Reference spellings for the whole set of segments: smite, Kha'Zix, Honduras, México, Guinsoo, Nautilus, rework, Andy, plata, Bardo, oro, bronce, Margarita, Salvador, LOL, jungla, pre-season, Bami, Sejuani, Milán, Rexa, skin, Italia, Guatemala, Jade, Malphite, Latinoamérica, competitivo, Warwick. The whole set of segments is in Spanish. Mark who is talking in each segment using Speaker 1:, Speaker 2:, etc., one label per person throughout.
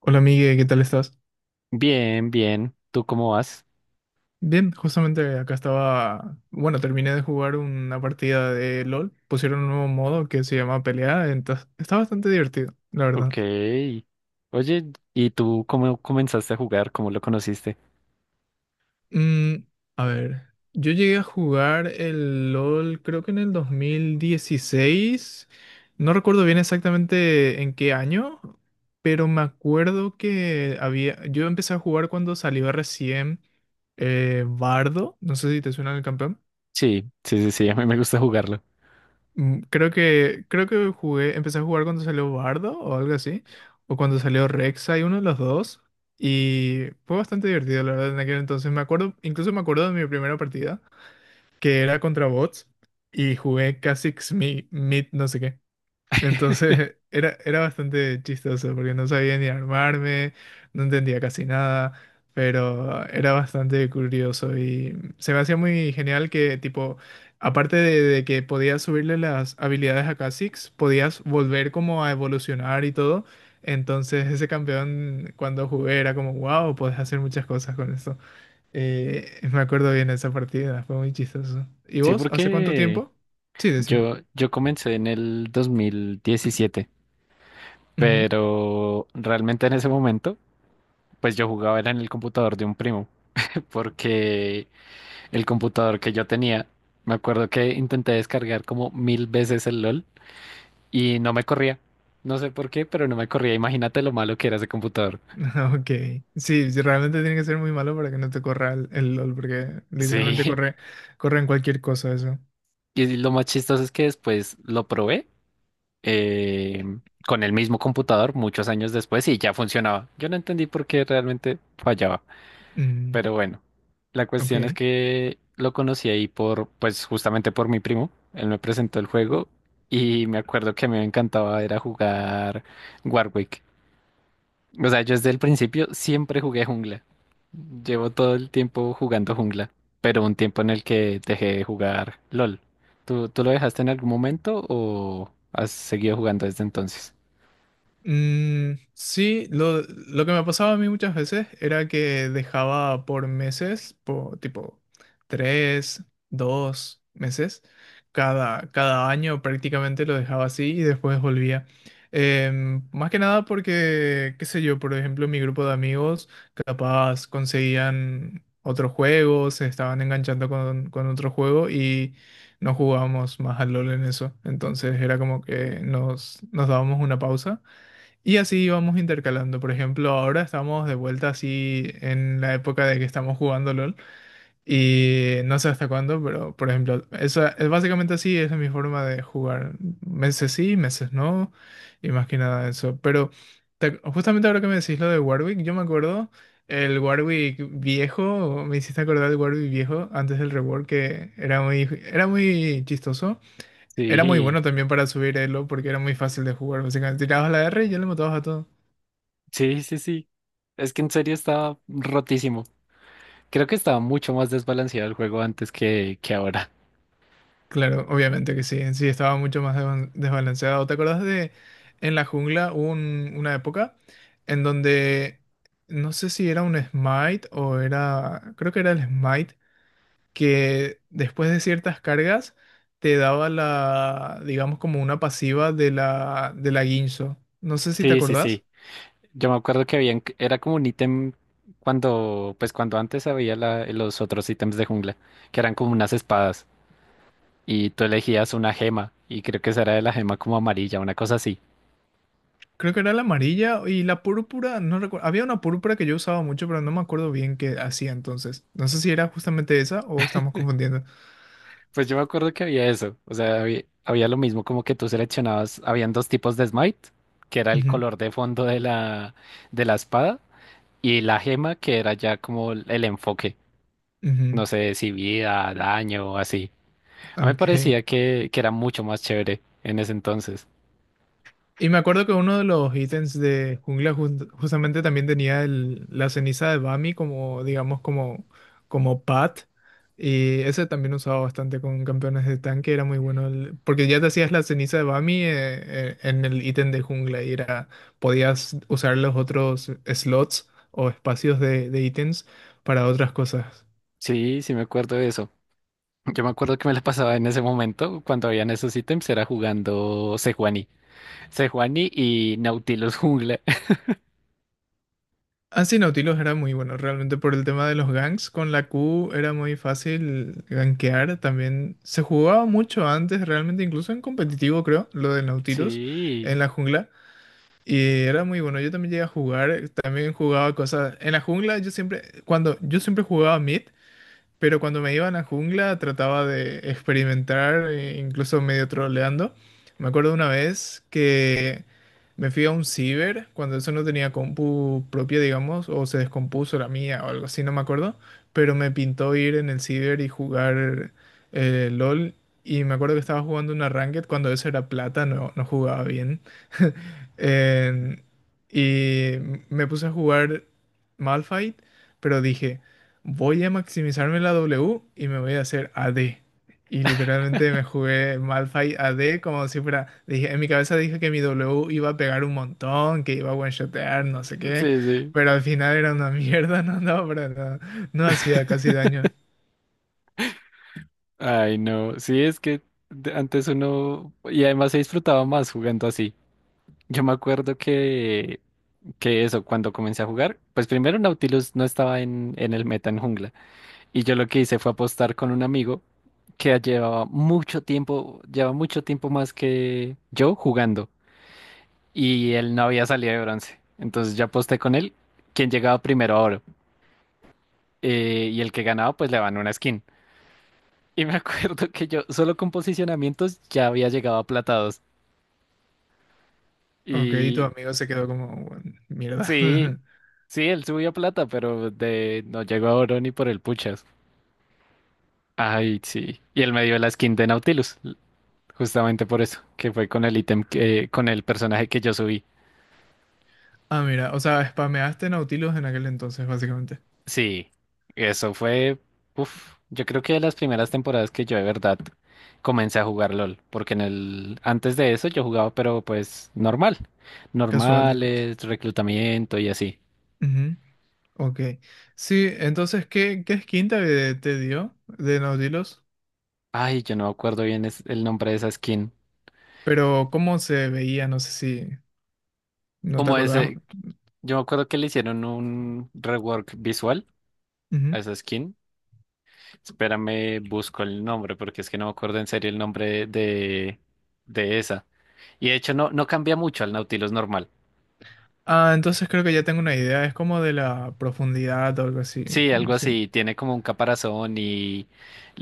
Speaker 1: Hola Migue, ¿qué tal estás?
Speaker 2: Bien, bien. ¿Tú cómo vas?
Speaker 1: Bien, justamente acá estaba, bueno, terminé de jugar una partida de LOL, pusieron un nuevo modo que se llama pelea, entonces está bastante divertido, la
Speaker 2: Ok.
Speaker 1: verdad.
Speaker 2: Oye, ¿y tú cómo comenzaste a jugar? ¿Cómo lo conociste?
Speaker 1: Mm, a ver, yo llegué a jugar el LOL creo que en el 2016, no recuerdo bien exactamente en qué año, pero me acuerdo que yo empecé a jugar cuando salió recién Bardo, no sé si te suena el campeón.
Speaker 2: Sí, sí, sí, sí, a mí me gusta jugarlo.
Speaker 1: Creo que empecé a jugar cuando salió Bardo o algo así, o cuando salió Rexa y uno de los dos, y fue bastante divertido, la verdad, en aquel entonces. Incluso me acuerdo de mi primera partida, que era contra bots, y jugué casi Mid, no sé qué. Entonces era bastante chistoso porque no sabía ni armarme, no entendía casi nada, pero era bastante curioso y se me hacía muy genial que tipo, aparte de que podías subirle las habilidades a Kha'Zix, podías volver como a evolucionar y todo. Entonces ese campeón cuando jugué era como, wow, podés hacer muchas cosas con esto. Me acuerdo bien esa partida, fue muy chistoso. ¿Y
Speaker 2: Sí,
Speaker 1: vos? ¿Hace cuánto
Speaker 2: porque
Speaker 1: tiempo? Sí, decime.
Speaker 2: yo comencé en el 2017. Pero realmente en ese momento, pues yo jugaba era en el computador de un primo, porque el computador que yo tenía, me acuerdo que intenté descargar como mil veces el LOL y no me corría. No sé por qué, pero no me corría. Imagínate lo malo que era ese computador.
Speaker 1: Ok, sí, sí, realmente tiene que ser muy malo para que no te corra el LOL, porque literalmente
Speaker 2: Sí,
Speaker 1: corre, corre en cualquier cosa eso.
Speaker 2: y lo más chistoso es que después lo probé eh, con el mismo computador muchos años después y ya funcionaba. Yo no entendí por qué realmente fallaba,
Speaker 1: Mm,
Speaker 2: pero bueno, la cuestión es
Speaker 1: ok.
Speaker 2: que lo conocí ahí por, pues justamente por mi primo, él me presentó el juego y me acuerdo que a mí me encantaba era jugar Warwick. O sea, yo desde el principio siempre jugué jungla. Llevo todo el tiempo jugando jungla, pero un tiempo en el que dejé de jugar LOL. ¿Tú lo dejaste en algún momento o has seguido jugando desde entonces?
Speaker 1: Sí, lo que me pasaba a mí muchas veces era que dejaba por meses, por, tipo tres, dos meses, cada año prácticamente lo dejaba así y después volvía. Más que nada porque, qué sé yo, por ejemplo, mi grupo de amigos capaz conseguían otro juego, se estaban enganchando con otro juego y no jugábamos más al LOL en eso. Entonces era como que nos dábamos una pausa y así vamos intercalando. Por ejemplo, ahora estamos de vuelta así en la época de que estamos jugando LOL. Y no sé hasta cuándo, pero por ejemplo, esa es básicamente así, esa es mi forma de jugar. Meses sí, meses no. Y más que nada eso. Pero justamente ahora que me decís lo de Warwick, yo me acuerdo el Warwick viejo, me hiciste acordar del Warwick viejo antes del rework que era muy, chistoso. Era muy
Speaker 2: Sí,
Speaker 1: bueno también para subir elo porque era muy fácil de jugar. Básicamente tirabas la R y ya le matabas a todo.
Speaker 2: sí, sí, sí. Es que en serio estaba rotísimo. Creo que estaba mucho más desbalanceado el juego antes que ahora.
Speaker 1: Claro, obviamente que sí. En sí estaba mucho más desbalanceado. ¿Te acordás de en la jungla hubo una época en donde no sé si era un smite o creo que era el smite, que después de ciertas cargas te daba la, digamos como una pasiva de la Guinsoo? No sé si te
Speaker 2: Sí, sí,
Speaker 1: acordás.
Speaker 2: sí. Yo me acuerdo que había, era como un ítem cuando, pues cuando antes había los otros ítems de jungla, que eran como unas espadas. Y tú elegías una gema y creo que esa era de la gema como amarilla, una cosa así.
Speaker 1: Creo que era la amarilla y la púrpura, no recuerdo. Había una púrpura que yo usaba mucho, pero no me acuerdo bien qué hacía entonces. No sé si era justamente esa o estamos confundiendo.
Speaker 2: Pues yo me acuerdo que había eso, o sea, había lo mismo como que tú seleccionabas, habían dos tipos de smite, que era el color de fondo de la espada y la gema que era ya como el enfoque,
Speaker 1: Ujú,
Speaker 2: no sé si vida, daño o así. A mí me
Speaker 1: ok.
Speaker 2: parecía que era mucho más chévere en ese entonces.
Speaker 1: Y me acuerdo que uno de los ítems de jungla justamente también tenía la ceniza de Bami como, digamos, como pad. Y ese también usaba bastante con campeones de tanque, era muy bueno. Porque ya te hacías la ceniza de Bami en el ítem de jungla y podías usar los otros slots o espacios de ítems para otras cosas.
Speaker 2: Sí, sí me acuerdo de eso. Yo me acuerdo que me la pasaba en ese momento cuando habían esos ítems, era jugando Sejuani. Sejuani y Nautilus Jungla.
Speaker 1: Así Nautilus era muy bueno, realmente por el tema de los ganks. Con la Q era muy fácil gankear. También se jugaba mucho antes, realmente, incluso en competitivo, creo, lo de Nautilus en
Speaker 2: Sí,
Speaker 1: la jungla. Y era muy bueno. Yo también llegué a jugar, también jugaba cosas. En la jungla, cuando yo siempre jugaba mid. Pero cuando me iba a la jungla trataba de experimentar, e incluso medio troleando. Me acuerdo una vez que me fui a un ciber, cuando eso no tenía compu propia, digamos, o se descompuso la mía o algo así, no me acuerdo. Pero me pintó ir en el ciber y jugar LOL. Y me acuerdo que estaba jugando una ranked cuando eso era plata, no, no jugaba bien. En- y me puse a jugar Malphite, pero dije, voy a maximizarme la W y me voy a hacer AD. Y literalmente me jugué Malphite AD como si fuera, dije, en mi cabeza dije que mi W iba a pegar un montón, que iba a one-shotear, no sé qué,
Speaker 2: sí, sí.
Speaker 1: pero al final era una mierda, no andaba para nada, no hacía casi daño.
Speaker 2: Ay, no. Sí, es que antes uno. Y además se disfrutaba más jugando así. Yo me acuerdo que eso, cuando comencé a jugar, pues primero Nautilus no estaba en el meta en jungla. Y yo lo que hice fue apostar con un amigo que llevaba mucho tiempo, lleva mucho tiempo más que yo jugando. Y él no había salido de bronce. Entonces yo aposté con él, quien llegaba primero ahora, y el que ganaba pues le van una skin. Y me acuerdo que yo solo con posicionamientos ya había llegado a plata 2.
Speaker 1: Ok, y tu
Speaker 2: Y
Speaker 1: amigo se quedó como, "Bueno, mierda.
Speaker 2: sí, sí, él subió a plata, pero de no llegó a oro ni por el puchas. Ay, sí. Y él me dio la skin de Nautilus, justamente por eso, que fue con el ítem con el personaje que yo subí.
Speaker 1: Ah, mira, o sea, spameaste Nautilus en aquel entonces, básicamente.
Speaker 2: Sí, eso fue, uf, yo creo que de las primeras temporadas que yo de verdad comencé a jugar LOL, porque antes de eso yo jugaba, pero pues
Speaker 1: Casual, digamos.
Speaker 2: normales, reclutamiento y así.
Speaker 1: Ujú, ok. Sí, entonces, ¿qué skin te dio de Nautilus?
Speaker 2: Ay, yo no me acuerdo bien el nombre de esa skin.
Speaker 1: Pero cómo se veía, no sé si no te
Speaker 2: Como
Speaker 1: acordabas.
Speaker 2: ese, yo me acuerdo que le hicieron un rework visual
Speaker 1: Ujú.
Speaker 2: a esa skin. Espérame, busco el nombre, porque es que no me acuerdo en serio el nombre de esa. Y de hecho no cambia mucho al Nautilus normal.
Speaker 1: Ah, entonces creo que ya tengo una idea. Es como de la profundidad o algo así.
Speaker 2: Sí, algo
Speaker 1: Sí.
Speaker 2: así. Tiene como un caparazón y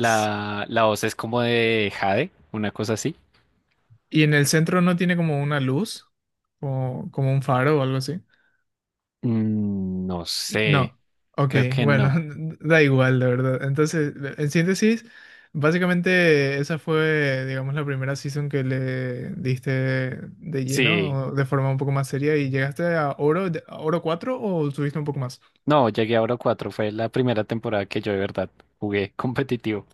Speaker 1: S-
Speaker 2: la voz es como de Jade, una cosa así.
Speaker 1: Y en el centro no tiene como una luz, como un faro o algo así.
Speaker 2: No sé,
Speaker 1: No. Ok,
Speaker 2: creo que
Speaker 1: bueno,
Speaker 2: no.
Speaker 1: da igual, de verdad. Entonces, en síntesis, básicamente esa fue, digamos, la primera season que le diste de
Speaker 2: Sí,
Speaker 1: lleno, o de forma un poco más seria, y llegaste a oro, a oro 4 o subiste un poco más.
Speaker 2: no, llegué a Oro 4. Fue la primera temporada que yo de verdad jugué competitivo.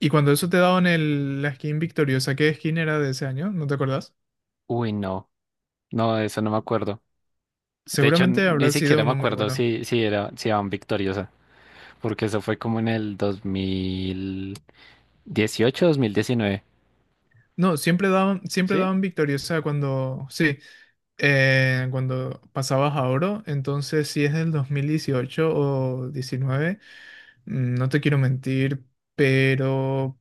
Speaker 1: Y cuando eso te daban el, la skin victoriosa, ¿qué skin era de ese año? ¿No te acordás?
Speaker 2: Uy, no, no, de eso no me acuerdo. De hecho,
Speaker 1: Seguramente
Speaker 2: ni
Speaker 1: habrá sido
Speaker 2: siquiera me
Speaker 1: uno muy
Speaker 2: acuerdo
Speaker 1: bueno.
Speaker 2: si, era, si iban victoriosa, porque eso fue como en el 2018, 2019.
Speaker 1: No, siempre
Speaker 2: ¿Sí?
Speaker 1: daban victoriosa sí, cuando pasabas a oro. Entonces, si es del 2018 o diecinueve, no te quiero mentir, pero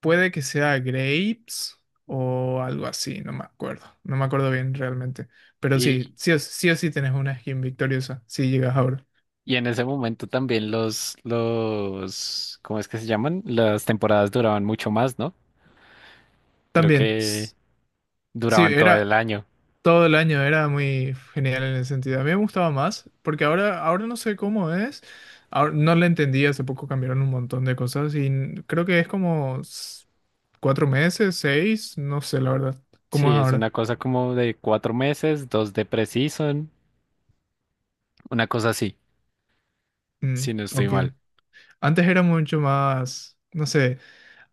Speaker 1: puede que sea Grapes o algo así, no me acuerdo. No me acuerdo bien realmente. Pero sí,
Speaker 2: Y,
Speaker 1: sí o sí, o sí tenés una skin victoriosa si llegas a oro.
Speaker 2: Y en ese momento también ¿cómo es que se llaman? Las temporadas duraban mucho más, ¿no? Creo
Speaker 1: También.
Speaker 2: que
Speaker 1: Sí,
Speaker 2: duraban todo el año.
Speaker 1: Todo el año era muy genial en ese sentido. A mí me gustaba más, porque ahora no sé cómo es. Ahora, no le entendí, hace poco cambiaron un montón de cosas y creo que es como 4 meses, seis, no sé la verdad. ¿Cómo es
Speaker 2: Sí, es
Speaker 1: ahora?
Speaker 2: una cosa como de 4 meses, dos de pre-season, una cosa así,
Speaker 1: Mm,
Speaker 2: si no estoy
Speaker 1: ok.
Speaker 2: mal.
Speaker 1: Antes era mucho más, no sé.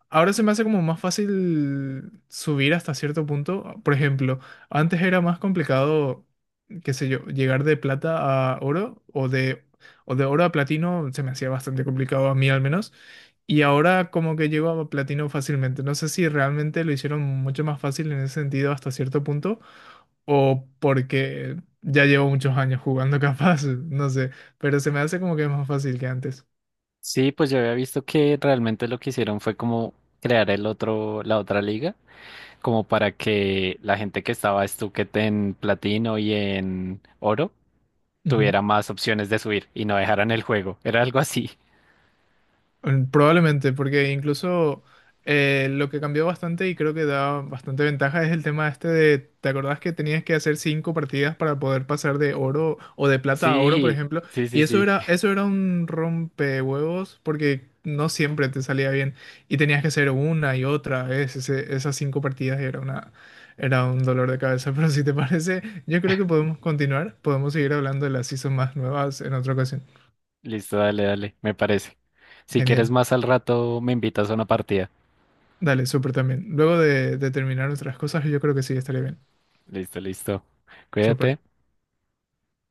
Speaker 1: Ahora se me hace como más fácil subir hasta cierto punto. Por ejemplo, antes era más complicado, qué sé yo, llegar de plata a oro o de oro a platino, se me hacía bastante complicado a mí al menos. Y ahora como que llego a platino fácilmente. No sé si realmente lo hicieron mucho más fácil en ese sentido hasta cierto punto o porque ya llevo muchos años jugando capaz, no sé, pero se me hace como que es más fácil que antes.
Speaker 2: Sí, pues yo había visto que realmente lo que hicieron fue como crear la otra liga, como para que la gente que estaba estuquete en platino y en oro
Speaker 1: Ujú.
Speaker 2: tuviera más opciones de subir y no dejaran el juego. Era algo así.
Speaker 1: Probablemente, porque incluso lo que cambió bastante y creo que da bastante ventaja es el tema este de, ¿te acordás que tenías que hacer cinco partidas para poder pasar de oro o de plata a oro, por
Speaker 2: Sí,
Speaker 1: ejemplo?
Speaker 2: sí,
Speaker 1: Y
Speaker 2: sí, sí.
Speaker 1: eso era un rompehuevos porque no siempre te salía bien y tenías que hacer una y otra vez esas cinco partidas y era una, era un dolor de cabeza. Pero si te parece, yo creo que podemos seguir hablando de las seasons más nuevas en otra ocasión.
Speaker 2: Listo, dale, dale, me parece. Si quieres
Speaker 1: Genial.
Speaker 2: más al rato, me invitas a una partida.
Speaker 1: Dale, súper también. Luego de terminar otras cosas, yo creo que sí, estaría bien.
Speaker 2: Listo, listo.
Speaker 1: Súper.
Speaker 2: Cuídate.